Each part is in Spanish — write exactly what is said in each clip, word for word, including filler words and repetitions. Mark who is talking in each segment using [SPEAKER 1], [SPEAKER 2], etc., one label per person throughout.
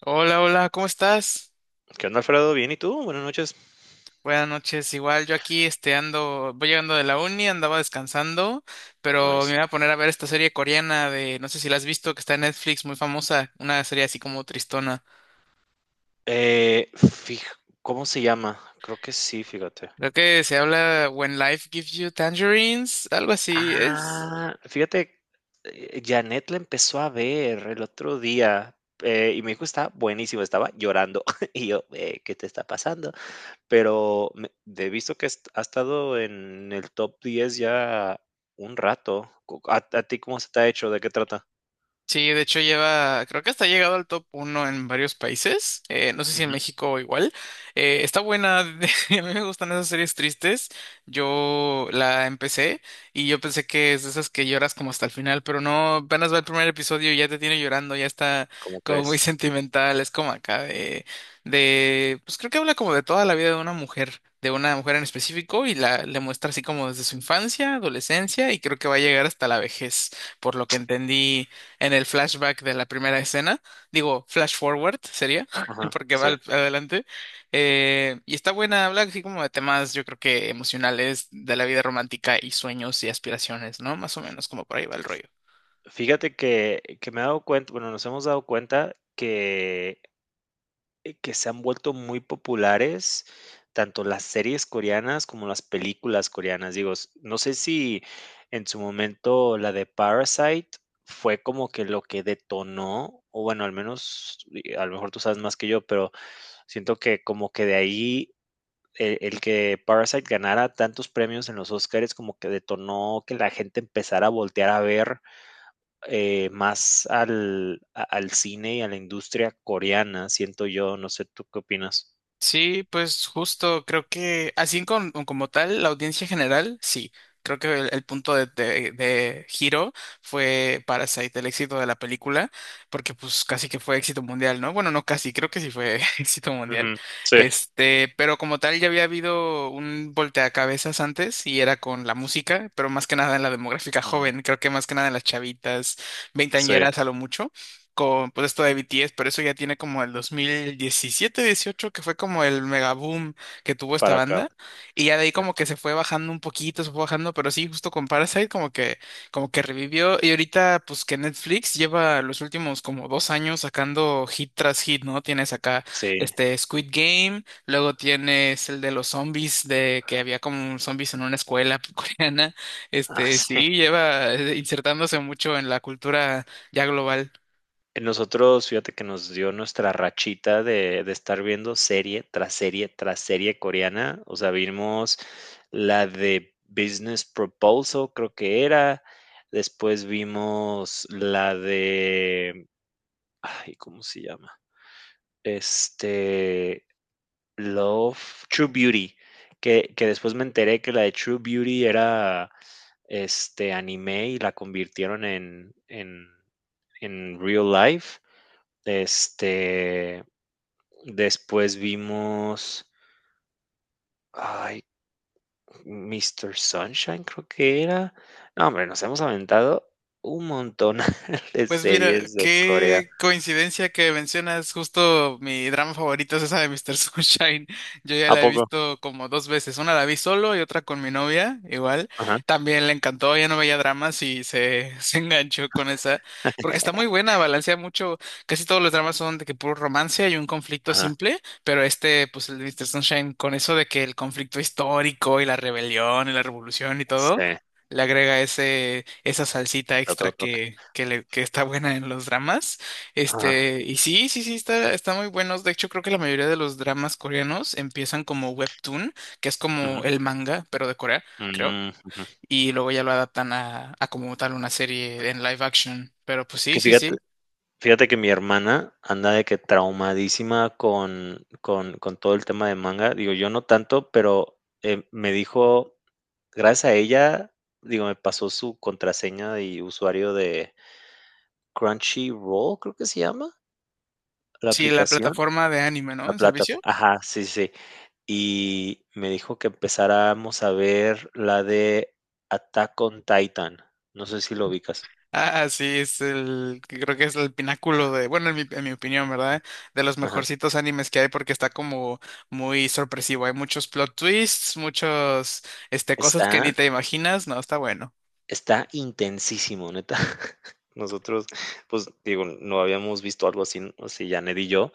[SPEAKER 1] Hola, hola, ¿cómo estás?
[SPEAKER 2] ¿Qué onda, Alfredo? Bien, ¿y tú? Buenas noches.
[SPEAKER 1] Buenas noches, igual yo aquí este ando, voy llegando de la uni, andaba descansando, pero me
[SPEAKER 2] Nice.
[SPEAKER 1] voy a poner a ver esta serie coreana de, no sé si la has visto, que está en Netflix, muy famosa, una serie así como tristona.
[SPEAKER 2] Eh, fij- ¿cómo se llama? Creo que sí, fíjate.
[SPEAKER 1] Creo que se habla When Life Gives You Tangerines, algo así es.
[SPEAKER 2] Ah, fíjate, eh, Janet la empezó a ver el otro día eh, y me dijo, está buenísimo, estaba llorando. Y yo, "Eh, ¿qué te está pasando? Pero me- he visto que est- ha estado en el top diez ya un rato. Cu- ¿A, a ti cómo se te ha hecho? ¿De qué trata?
[SPEAKER 1] Sí, de hecho lleva, creo que hasta ha llegado al top uno en varios países, eh, no sé si en
[SPEAKER 2] Ujú.
[SPEAKER 1] México igual. Eh, está buena, de- a mí me gustan esas series tristes, yo la empecé y yo pensé que es de esas que lloras como hasta el final, pero no, apenas va el primer episodio y ya te tiene llorando, ya está
[SPEAKER 2] ¿Cómo
[SPEAKER 1] como muy
[SPEAKER 2] crees?
[SPEAKER 1] sentimental, es como acá de, de, pues creo que habla como de toda la vida de una mujer. de una mujer en específico y la le muestra así como desde su infancia, adolescencia y creo que va a llegar hasta la vejez, por lo que entendí en el flashback de la primera escena, digo, flash forward sería,
[SPEAKER 2] Ajá,
[SPEAKER 1] porque va
[SPEAKER 2] sí.
[SPEAKER 1] al- adelante, eh, y está buena, habla así como de temas, yo creo que emocionales, de la vida romántica y sueños y aspiraciones, ¿no? Más o menos como por ahí va el rollo.
[SPEAKER 2] Fíjate que que me he dado cuenta, bueno, nos hemos dado cuenta que eh, que se han vuelto muy populares tanto las series coreanas como las películas coreanas. Digo, s no sé si en su momento la de Parasite fue como que lo que detonó, o bueno, al menos, y a lo mejor tú sabes más que yo, pero siento que como que de ahí el el que Parasite ganara tantos premios en los Oscars como que detonó que la gente empezara a voltear a ver eh, más al, a- al cine y a la industria coreana, siento yo, no sé, ¿tú qué opinas?
[SPEAKER 1] Sí, pues justo creo que así con- como tal, la audiencia general, sí. Creo que el, el punto de, de- de giro fue Parasite, el éxito de la película, porque pues casi que fue éxito mundial, ¿no? Bueno, no casi, creo que sí fue éxito mundial.
[SPEAKER 2] Ujú. Sí.
[SPEAKER 1] Este, pero como tal ya había habido un volteacabezas antes y era con la música, pero más que nada en la demográfica
[SPEAKER 2] Mm.
[SPEAKER 1] joven, creo que más que nada en las chavitas,
[SPEAKER 2] Sí,
[SPEAKER 1] veinteañeras a lo mucho con pues esto de B T S, pero eso ya tiene como el dos mil diecisiete-dieciocho que fue como el mega boom que tuvo esta
[SPEAKER 2] para acá.
[SPEAKER 1] banda, y ya de ahí como que se fue bajando un poquito, se fue bajando, pero sí, justo con Parasite como que, como que revivió, y ahorita pues que Netflix lleva los últimos como dos años sacando hit tras hit, ¿no? Tienes acá
[SPEAKER 2] Sí.
[SPEAKER 1] este Squid Game, luego tienes el de los zombies, de que había como zombies en una escuela coreana,
[SPEAKER 2] Ah,
[SPEAKER 1] este
[SPEAKER 2] sí.
[SPEAKER 1] sí, lleva eh, insertándose mucho en la cultura ya global.
[SPEAKER 2] Nosotros, fíjate que nos dio nuestra rachita de, de estar viendo serie tras serie tras serie coreana. O sea, vimos la de Business Proposal, creo que era. Después vimos la de, ay, ¿cómo se llama? Este, Love, True Beauty, que, que después me enteré que la de True Beauty era este anime y la convirtieron en, en, en real life. Este, después vimos, ay, Mister Sunshine creo que era. No, hombre, nos hemos aventado un montón de
[SPEAKER 1] Pues mira,
[SPEAKER 2] series de Corea.
[SPEAKER 1] qué coincidencia que mencionas justo mi drama favorito es esa de mister Sunshine. Yo ya
[SPEAKER 2] ¿A
[SPEAKER 1] la he
[SPEAKER 2] poco?
[SPEAKER 1] visto como dos veces. Una la vi solo y otra con mi novia, igual.
[SPEAKER 2] Ajá,
[SPEAKER 1] También le encantó, ya no veía dramas y se, se enganchó con esa. Porque está muy buena, balancea mucho. Casi todos los dramas son de que puro romance y un conflicto
[SPEAKER 2] ajá.
[SPEAKER 1] simple. Pero este, pues el de mister Sunshine, con eso de que el conflicto histórico y la rebelión y la revolución y todo
[SPEAKER 2] Sí,
[SPEAKER 1] le agrega ese, esa salsita extra
[SPEAKER 2] otro toque.
[SPEAKER 1] que, que, le, que está buena en los dramas.
[SPEAKER 2] Ajá,
[SPEAKER 1] Este, y sí, sí, sí, está, está muy buenos. De hecho, creo que la mayoría de los dramas coreanos empiezan como webtoon, que es
[SPEAKER 2] ujú,
[SPEAKER 1] como el manga, pero de Corea, creo.
[SPEAKER 2] mm, ujú.
[SPEAKER 1] Y luego ya lo adaptan a, a como tal una serie en live action. Pero pues sí,
[SPEAKER 2] Que
[SPEAKER 1] sí,
[SPEAKER 2] fíjate
[SPEAKER 1] sí.
[SPEAKER 2] Fíjate que mi hermana anda de que traumadísima con con con todo el tema de manga. Digo, yo no tanto, pero, eh, me dijo, gracias a ella, digo, me pasó su contraseña y usuario de Crunchyroll, creo que se llama la
[SPEAKER 1] Sí, la
[SPEAKER 2] aplicación,
[SPEAKER 1] plataforma de anime, ¿no?
[SPEAKER 2] la
[SPEAKER 1] En servicio.
[SPEAKER 2] plataforma. Ajá, sí, sí. Sí. Y me dijo que empezáramos a ver la de Attack on Titan. No sé si lo ubicas.
[SPEAKER 1] Ah, sí, es el, creo que es el pináculo de, bueno, en mi, en mi opinión, ¿verdad? De los
[SPEAKER 2] Ajá.
[SPEAKER 1] mejorcitos animes que hay porque está como muy sorpresivo. Hay muchos plot twists, muchos, este, cosas que
[SPEAKER 2] Está
[SPEAKER 1] ni te imaginas. No, está bueno.
[SPEAKER 2] Está intensísimo, neta. Nosotros, pues, digo, no habíamos visto algo así, así Janet y yo,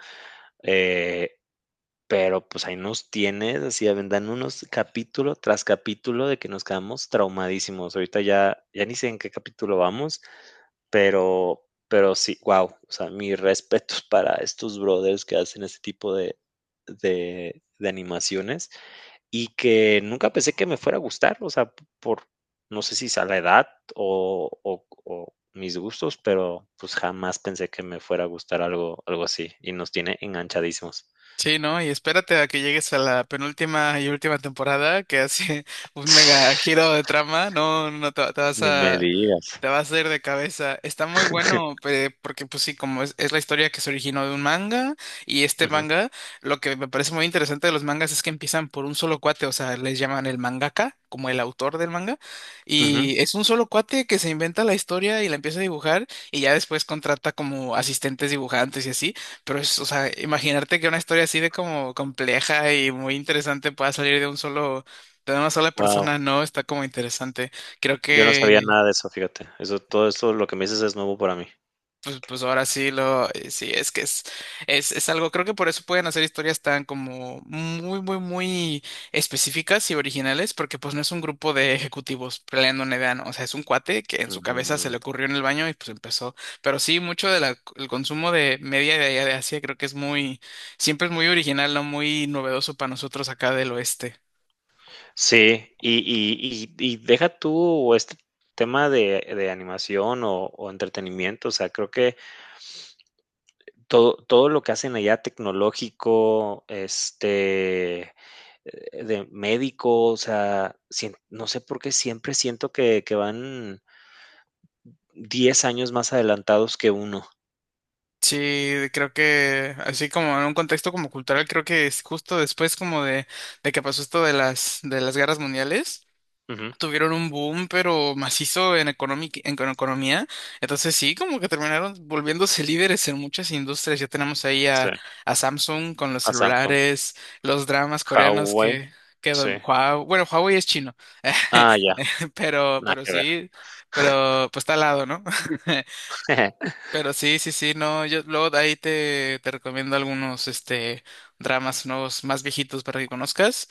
[SPEAKER 2] eh, pero pues ahí nos tienes, así avendan unos capítulo tras capítulo de que nos quedamos traumadísimos. Ahorita ya, ya ni sé en qué capítulo vamos, pero, pero sí, wow. O sea, mis respetos para estos brothers que hacen este tipo de, de, de animaciones. Y que nunca pensé que me fuera a gustar, o sea, p- por no sé si sea la edad o o o mis gustos, pero, pues, jamás pensé que me fuera a gustar algo algo así, y nos tiene enganchadísimos.
[SPEAKER 1] Sí, ¿no? Y espérate a que llegues a la penúltima y última temporada que hace un mega giro de trama. No, no te, te vas
[SPEAKER 2] Ni me
[SPEAKER 1] a
[SPEAKER 2] digas.
[SPEAKER 1] Te vas a ir de cabeza. Está muy bueno, pe- porque pues sí, como es, es la historia que se originó de un manga, y este
[SPEAKER 2] Ujú,
[SPEAKER 1] manga, lo que me parece muy interesante de los mangas es que empiezan por un solo cuate, o sea, les llaman el mangaka, como el autor del manga,
[SPEAKER 2] ujú.
[SPEAKER 1] y es un solo cuate que se inventa la historia y la empieza a dibujar, y ya después contrata como asistentes dibujantes y así, pero es, o sea, imaginarte que una historia así de como compleja y muy interesante pueda salir de un solo, de una sola
[SPEAKER 2] Guau,
[SPEAKER 1] persona, no, está como interesante. Creo
[SPEAKER 2] yo no sabía
[SPEAKER 1] que
[SPEAKER 2] nada de eso, fíjate. Eso todo eso, lo que me dices es nuevo para mí.
[SPEAKER 1] Pues, pues ahora sí lo, eh, sí, es que es, es, es algo, creo que por eso pueden hacer historias tan como muy, muy, muy específicas y originales, porque pues no es un grupo de ejecutivos peleando una idea, ¿no? O sea, es un cuate que en su cabeza se
[SPEAKER 2] Mm,
[SPEAKER 1] le ocurrió en el baño y pues empezó. Pero sí, mucho del consumo de media de allá de Asia creo que es muy, siempre es muy original, ¿no? Muy novedoso para nosotros acá del oeste.
[SPEAKER 2] sí, y y y y deja tú este tema de de animación o o entretenimiento, o sea, creo que todo, todo lo que hacen allá tecnológico, este, eh, de médico, o sea, sien- no sé por qué siempre siento que, que van diez años más adelantados que uno.
[SPEAKER 1] Sí, creo que así como en un contexto como cultural, creo que es justo después como de, de que pasó esto de las, de las guerras mundiales,
[SPEAKER 2] Ujú.
[SPEAKER 1] tuvieron un boom, pero macizo en economic- en con- economía. Entonces sí, como que terminaron volviéndose líderes en muchas industrias. Ya tenemos ahí
[SPEAKER 2] Sí,
[SPEAKER 1] a, a Samsung con los
[SPEAKER 2] a Samsung.
[SPEAKER 1] celulares, los dramas coreanos
[SPEAKER 2] Huawei,
[SPEAKER 1] que, que dom-
[SPEAKER 2] sí.
[SPEAKER 1] Huawei, bueno, Huawei es chino,
[SPEAKER 2] Ah, ya,
[SPEAKER 1] pero,
[SPEAKER 2] nada
[SPEAKER 1] pero
[SPEAKER 2] que ver.
[SPEAKER 1] sí, pero pues está al lado, ¿no? Pero sí, sí, sí, no, yo luego de ahí te, te recomiendo algunos este dramas nuevos más viejitos para que conozcas.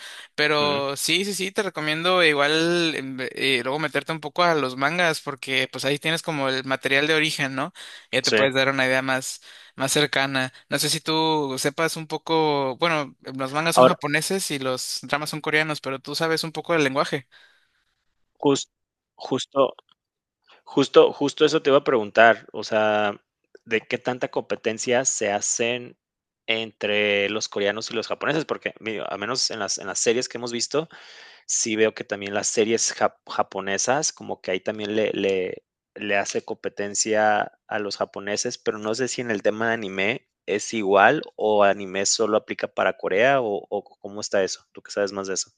[SPEAKER 2] Ujú,
[SPEAKER 1] Pero sí, sí, sí, te recomiendo igual em, ve- eh, luego meterte un poco a los mangas, porque pues ahí tienes como el material de origen, ¿no? Ya te
[SPEAKER 2] sí.
[SPEAKER 1] puedes dar una idea más, más cercana. No sé si tú sepas un poco, bueno, los mangas son
[SPEAKER 2] Ahora,
[SPEAKER 1] japoneses y los dramas son coreanos, pero tú sabes un poco del lenguaje.
[SPEAKER 2] jus- justo Justo, justo eso te iba a preguntar, o sea, ¿de qué tanta competencia se hacen entre los coreanos y los japoneses? Porque mi- al menos en las, en las series que hemos visto, sí veo que también las series jap- japonesas, como que ahí también le, le, le hace competencia a los japoneses, pero no sé si en el tema de anime es igual o anime solo aplica para Corea o, o cómo está eso, tú que sabes más de eso.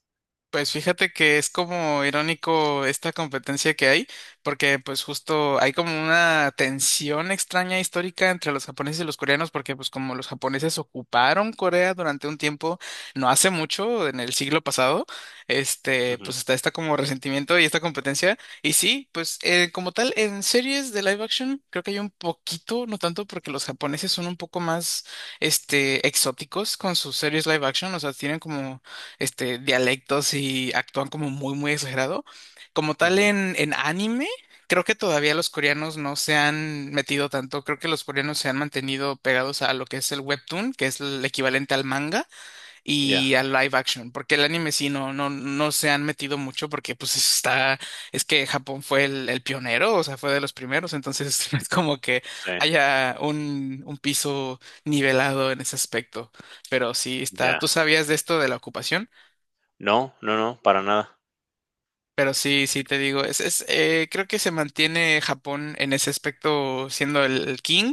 [SPEAKER 1] Pues fíjate que es como irónico esta competencia que hay, porque pues justo hay como una tensión extraña histórica entre los japoneses y los coreanos, porque pues como los japoneses ocuparon Corea durante un tiempo, no hace mucho, en el siglo pasado, este,
[SPEAKER 2] Ujú,
[SPEAKER 1] pues está esta como resentimiento y esta competencia. Y sí, pues eh, como tal, en series de live action creo que hay un poquito, no tanto porque los japoneses son un poco más, este, exóticos con sus series live action, o sea, tienen como este, dialectos y actúan como muy, muy exagerado. Como tal
[SPEAKER 2] ujú.
[SPEAKER 1] en, en anime, creo que todavía los coreanos no se han metido tanto. Creo que los coreanos se han mantenido pegados a lo que es el webtoon, que es el equivalente al manga,
[SPEAKER 2] Ya,
[SPEAKER 1] y al live action, porque el anime sí no, no, no se han metido mucho porque pues está, es que Japón fue el, el pionero, o sea, fue de los primeros, entonces no es como que
[SPEAKER 2] sí,
[SPEAKER 1] haya un, un piso nivelado en ese aspecto. Pero sí está,
[SPEAKER 2] ya.
[SPEAKER 1] ¿tú sabías de esto de la ocupación?
[SPEAKER 2] No, no, no, para nada.
[SPEAKER 1] Pero sí sí te digo, es, es, eh, creo que se mantiene Japón en ese aspecto siendo el, el king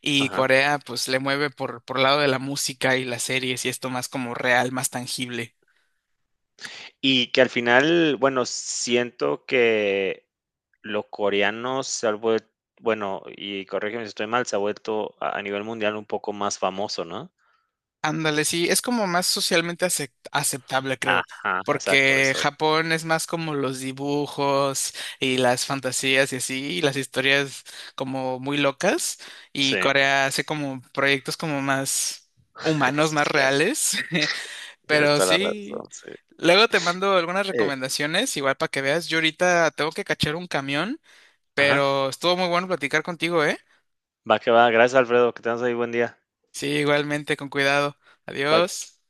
[SPEAKER 1] y
[SPEAKER 2] Ajá.
[SPEAKER 1] Corea pues le mueve por, por lado de la música y las series y esto más como real, más tangible.
[SPEAKER 2] Y que al final, bueno, siento que los coreanos se ha vuelto, bueno, y corrígeme si estoy mal, se ha vuelto a a nivel mundial un poco más famoso, ¿no?
[SPEAKER 1] Ándale, sí, es como más socialmente acep- aceptable, creo,
[SPEAKER 2] Ajá, exacto,
[SPEAKER 1] porque
[SPEAKER 2] eso.
[SPEAKER 1] Japón es más como los dibujos y las fantasías y así, y las historias como muy locas, y
[SPEAKER 2] Sí,
[SPEAKER 1] Corea hace como proyectos como más humanos,
[SPEAKER 2] sí,
[SPEAKER 1] más
[SPEAKER 2] cierto.
[SPEAKER 1] reales,
[SPEAKER 2] Tienes
[SPEAKER 1] pero
[SPEAKER 2] toda la razón,
[SPEAKER 1] sí.
[SPEAKER 2] sí.
[SPEAKER 1] Luego te mando algunas
[SPEAKER 2] Eh,
[SPEAKER 1] recomendaciones, igual para que veas. Yo ahorita tengo que cachar un camión,
[SPEAKER 2] ajá,
[SPEAKER 1] pero estuvo muy bueno platicar contigo, ¿eh?
[SPEAKER 2] va que va. Gracias, Alfredo. Que tengas ahí buen día.
[SPEAKER 1] Sí, igualmente, con cuidado.
[SPEAKER 2] Bye.
[SPEAKER 1] Adiós.